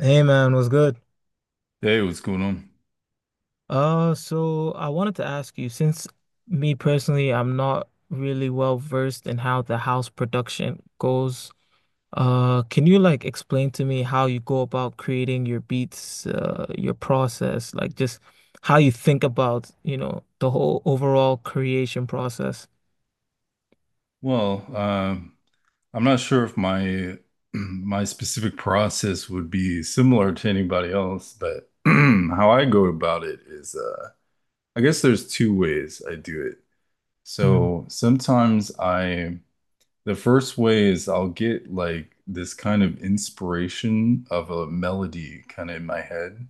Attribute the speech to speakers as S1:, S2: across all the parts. S1: Hey man, what's good?
S2: Hey, what's going on?
S1: So I wanted to ask you, since me personally, I'm not really well versed in how the house production goes. Can you like explain to me how you go about creating your beats, your process, like just how you think about, you know, the whole overall creation process?
S2: Well, um, I'm not sure if my my specific process would be similar to anybody else, but how I go about it is, I guess there's two ways I do it.
S1: Mm,
S2: So sometimes I, the first way is I'll get like this kind of inspiration of a melody kind of in my head,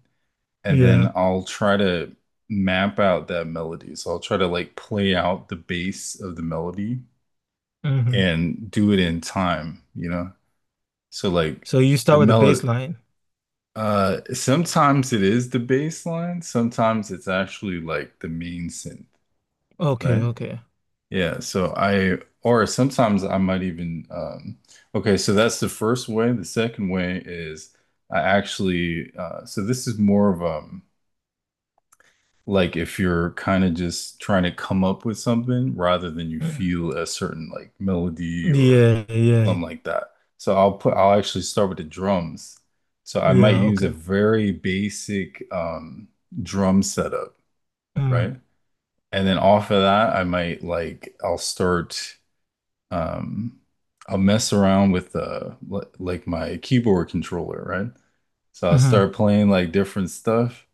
S2: and
S1: yeah.
S2: then I'll try to map out that melody. So I'll try to like play out the bass of the melody
S1: Hmm.
S2: and do it in time, you know? So like
S1: So you start
S2: the
S1: with the
S2: melody
S1: baseline.
S2: sometimes it is the bass line, sometimes it's actually like the main synth,
S1: Okay,
S2: right?
S1: okay.
S2: Yeah, so I or sometimes I might even okay, so that's the first way. The second way is I actually so this is more of like if you're kind of just trying to come up with something rather than you
S1: Mm.
S2: feel a certain like melody or
S1: Yeah, yeah,
S2: something like that. I'll actually start with the drums. So I might
S1: yeah,
S2: use a
S1: okay.
S2: very basic drum setup,
S1: Mm.
S2: right? And then off of that, I might like I'll start um I'll mess around with like my keyboard controller, right? So I'll
S1: Hmm.
S2: start playing like different stuff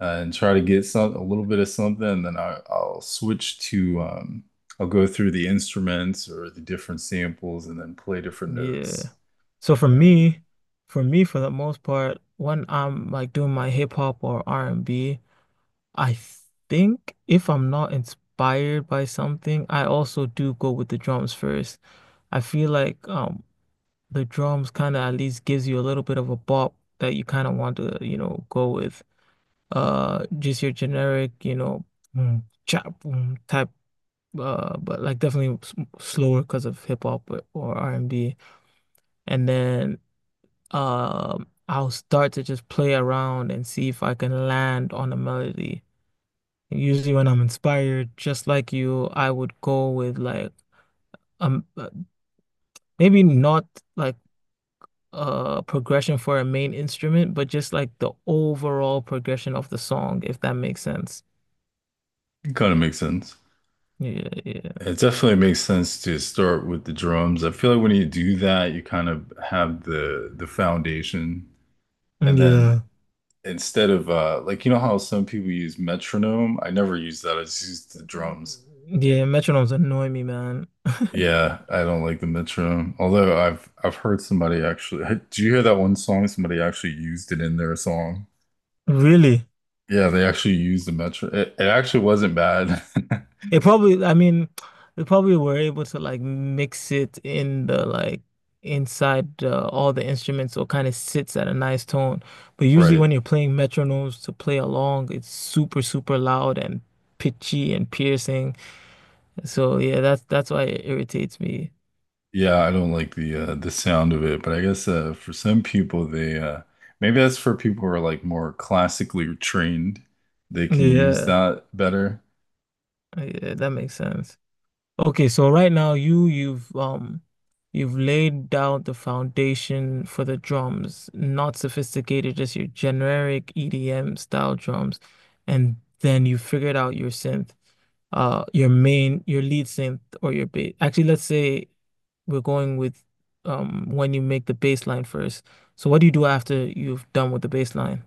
S2: and try to get some a little bit of something, and then I'll switch to I'll go through the instruments or the different samples and then play different
S1: Yeah.
S2: notes.
S1: So for
S2: And.
S1: me, for me, for the most part, when I'm like doing my hip hop or r and B, I think if I'm not inspired by something, I also do go with the drums first. I feel like the drums kind of at least gives you a little bit of a bop that you kind of want to, you know, go with. Just your generic, you know, mm, chop mm, type. But like definitely s slower because of hip hop or R&B, and B, and then I'll start to just play around and see if I can land on a melody. Usually when I'm inspired, just like you, I would go with like um uh, maybe not like a progression for a main instrument, but just like the overall progression of the song, if that makes sense.
S2: It kind of makes sense.
S1: Yeah, yeah.
S2: It definitely makes sense to start with the drums. I feel like when you do that, you kind of have the foundation, and then
S1: Yeah.
S2: instead of like you know how some people use metronome, I never use that. I just use the drums.
S1: Yeah, metronomes annoy me, man.
S2: Yeah, I don't like the metronome. Although I've heard somebody actually. Hey, do you hear that one song? Somebody actually used it in their song.
S1: Really?
S2: Yeah, they actually used the metro. It actually wasn't bad.
S1: It probably, I mean, they probably were able to like mix it in the like inside all the instruments, so it kind of sits at a nice tone. But usually,
S2: Right.
S1: when you're playing metronomes to play along, it's super, super loud and pitchy and piercing. So yeah, that's why it irritates me.
S2: Yeah, I don't like the sound of it, but I guess for some people they maybe that's for people who are like more classically trained. They can use
S1: Yeah,
S2: that better.
S1: yeah, that makes sense. Okay, so right now you've you've laid down the foundation for the drums, not sophisticated, just your generic EDM style drums, and then you figured out your synth your main your lead synth or your bass, actually let's say we're going with when you make the bass line first, so what do you do after you've done with the bass line?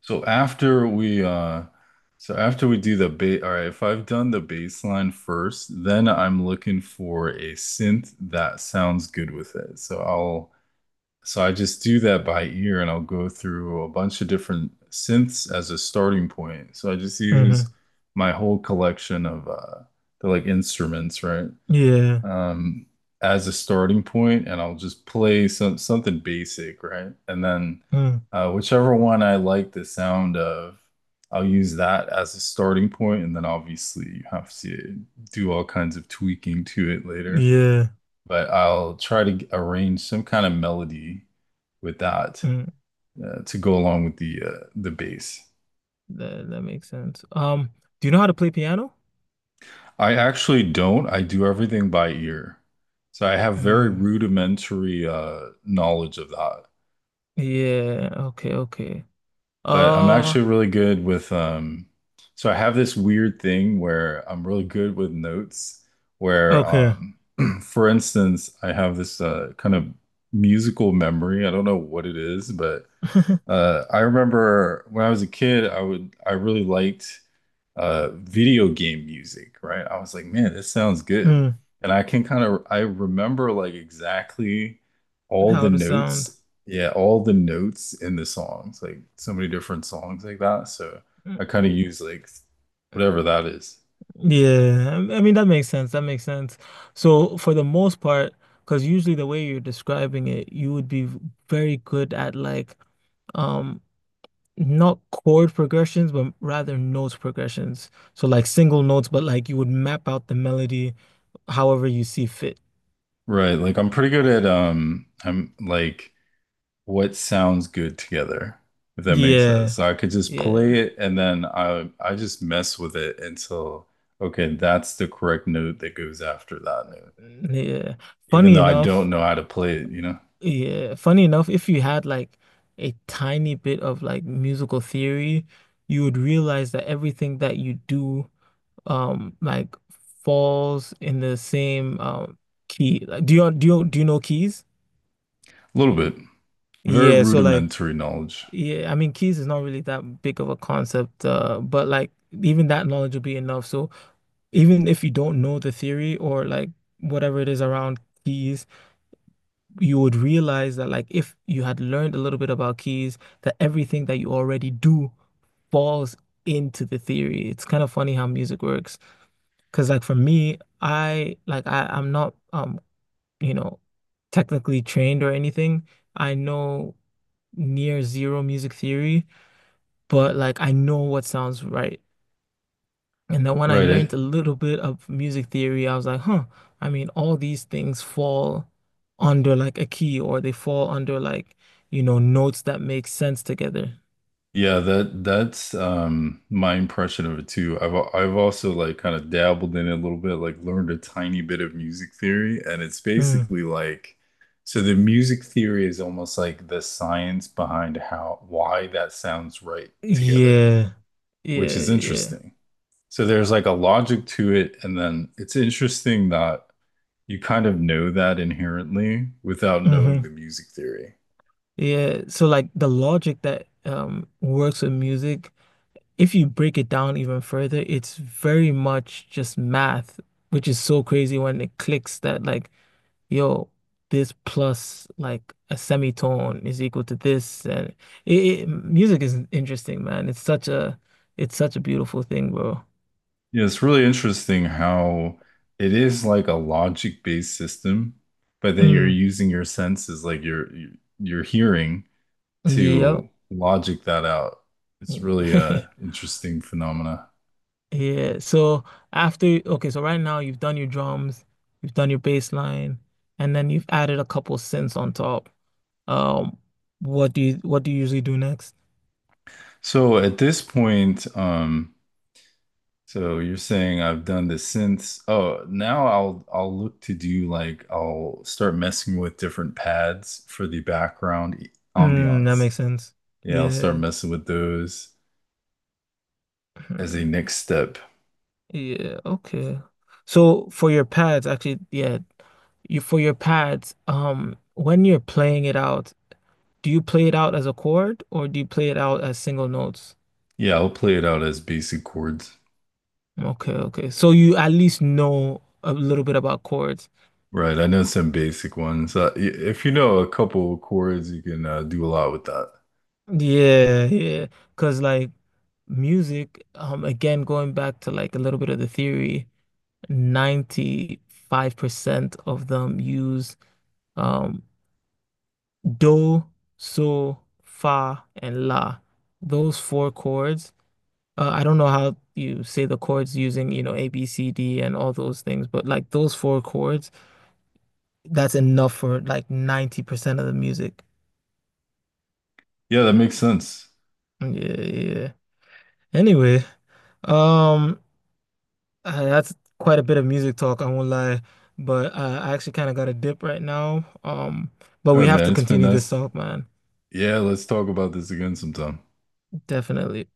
S2: So after we uh so after we do the ba all right, if I've done the bass line first, then I'm looking for a synth that sounds good with it. So I just do that by ear and I'll go through a bunch of different synths as a starting point. So I just use
S1: Hmm.
S2: my whole collection of they like instruments, right?
S1: Yeah.
S2: Um as a starting point and I'll just play something basic, right? And then
S1: Mm,
S2: whichever one I like the sound of, I'll use that as a starting point and then obviously you have to do all kinds of tweaking to it later.
S1: yeah.
S2: But I'll try to arrange some kind of melody with that,
S1: Mm,
S2: to go along with the bass.
S1: that, that makes sense. Do you know how to play piano?
S2: I actually don't. I do everything by ear. So I have very
S1: Mm.
S2: rudimentary knowledge of that.
S1: Yeah. Okay, okay.
S2: But I'm
S1: Uh,
S2: actually really good with so I have this weird thing where I'm really good with notes where
S1: okay.
S2: for instance, I have this kind of musical memory. I don't know what it is, but I remember when I was a kid, I really liked video game music, right? I was like, man, this sounds good.
S1: Mm,
S2: And I can kind of I remember like exactly all the
S1: how to
S2: notes,
S1: sound.
S2: yeah, all the notes in the songs, like so many different songs like that. So
S1: Mm.
S2: I kind of use like whatever that is.
S1: Yeah, I mean that makes sense. That makes sense. So for the most part, because usually the way you're describing it, you would be very good at like um not chord progressions, but rather note progressions. So like single notes, but like you would map out the melody however you see fit.
S2: Right. Like I'm pretty good at I'm like what sounds good together, if that makes sense.
S1: Yeah,
S2: So I could just play
S1: yeah,
S2: it and then I just mess with it until okay, that's the correct note that goes after that note.
S1: yeah.
S2: Even
S1: Funny
S2: though I don't
S1: enough.
S2: know how to play it, you know.
S1: Yeah, funny enough, if you had like a tiny bit of like musical theory, you would realize that everything that you do like falls in the same key. Like, do you know keys?
S2: A little bit. Very
S1: Yeah, so like
S2: rudimentary knowledge.
S1: yeah, I mean keys is not really that big of a concept, but like even that knowledge will be enough. So even if you don't know the theory or like whatever it is around keys, you would realize that like if you had learned a little bit about keys, that everything that you already do falls into the theory. It's kind of funny how music works. Cause like for me, I'm not you know, technically trained or anything. I know near zero music theory, but like I know what sounds right. And then when I
S2: Right.
S1: learned a little bit of music theory, I was like, huh, I mean, all these things fall under like a key, or they fall under like, you know, notes that make sense together.
S2: Yeah, that that's my impression of it too. I've also like kind of dabbled in it a little bit, like learned a tiny bit of music theory, and it's
S1: Mm.
S2: basically like so the music theory is almost like the science behind how why that sounds right together,
S1: Yeah.
S2: which
S1: Yeah,
S2: is
S1: yeah.
S2: interesting. So there's like a logic to it, and then it's interesting that you kind of know that inherently without knowing
S1: Hmm.
S2: the music theory.
S1: Yeah. So like the logic that works with music, if you break it down even further, it's very much just math, which is so crazy when it clicks that like yo, this plus like a semitone is equal to this, and it, music is interesting, man. It's such a beautiful thing, bro.
S2: Yeah, it's really interesting how it is like a logic-based system, but then you're
S1: Mm.
S2: using your senses, like your your hearing,
S1: Yep.
S2: to logic that out. It's really a interesting phenomena.
S1: Yeah. So after, okay, so right now you've done your drums, you've done your bass line, and then you've added a couple synths on top. Um, what do you usually do next?
S2: So at this point, so you're saying I've done this since. Oh, now I'll look to do like I'll start messing with different pads for the background
S1: Mm, that
S2: ambiance.
S1: makes sense.
S2: Yeah, I'll start
S1: Yeah.
S2: messing with those as a
S1: Hmm.
S2: next step.
S1: Yeah, okay. So for your pads, actually, yeah, you for your pads, when you're playing it out, do you play it out as a chord or do you play it out as single notes?
S2: Yeah, I'll play it out as basic chords.
S1: Okay, okay. So you at least know a little bit about chords.
S2: Right, I know some basic ones. If you know a couple chords, you can do a lot with that.
S1: Yeah, yeah. Because like music, again, going back to like a little bit of the theory, 95% of them use um do, so, fa, and la. Those four chords. I don't know how you say the chords using, you know, A, B, C, D, and all those things, but like those four chords, that's enough for like 90% of the music.
S2: Yeah, that makes sense.
S1: Yeah, yeah, yeah. Anyway, um, that's quite a bit of music talk, I won't lie, but I actually kind of got a dip right now. But
S2: All
S1: we
S2: right,
S1: have
S2: man,
S1: to
S2: it's been
S1: continue this
S2: nice.
S1: talk, man.
S2: Yeah, let's talk about this again sometime.
S1: Definitely.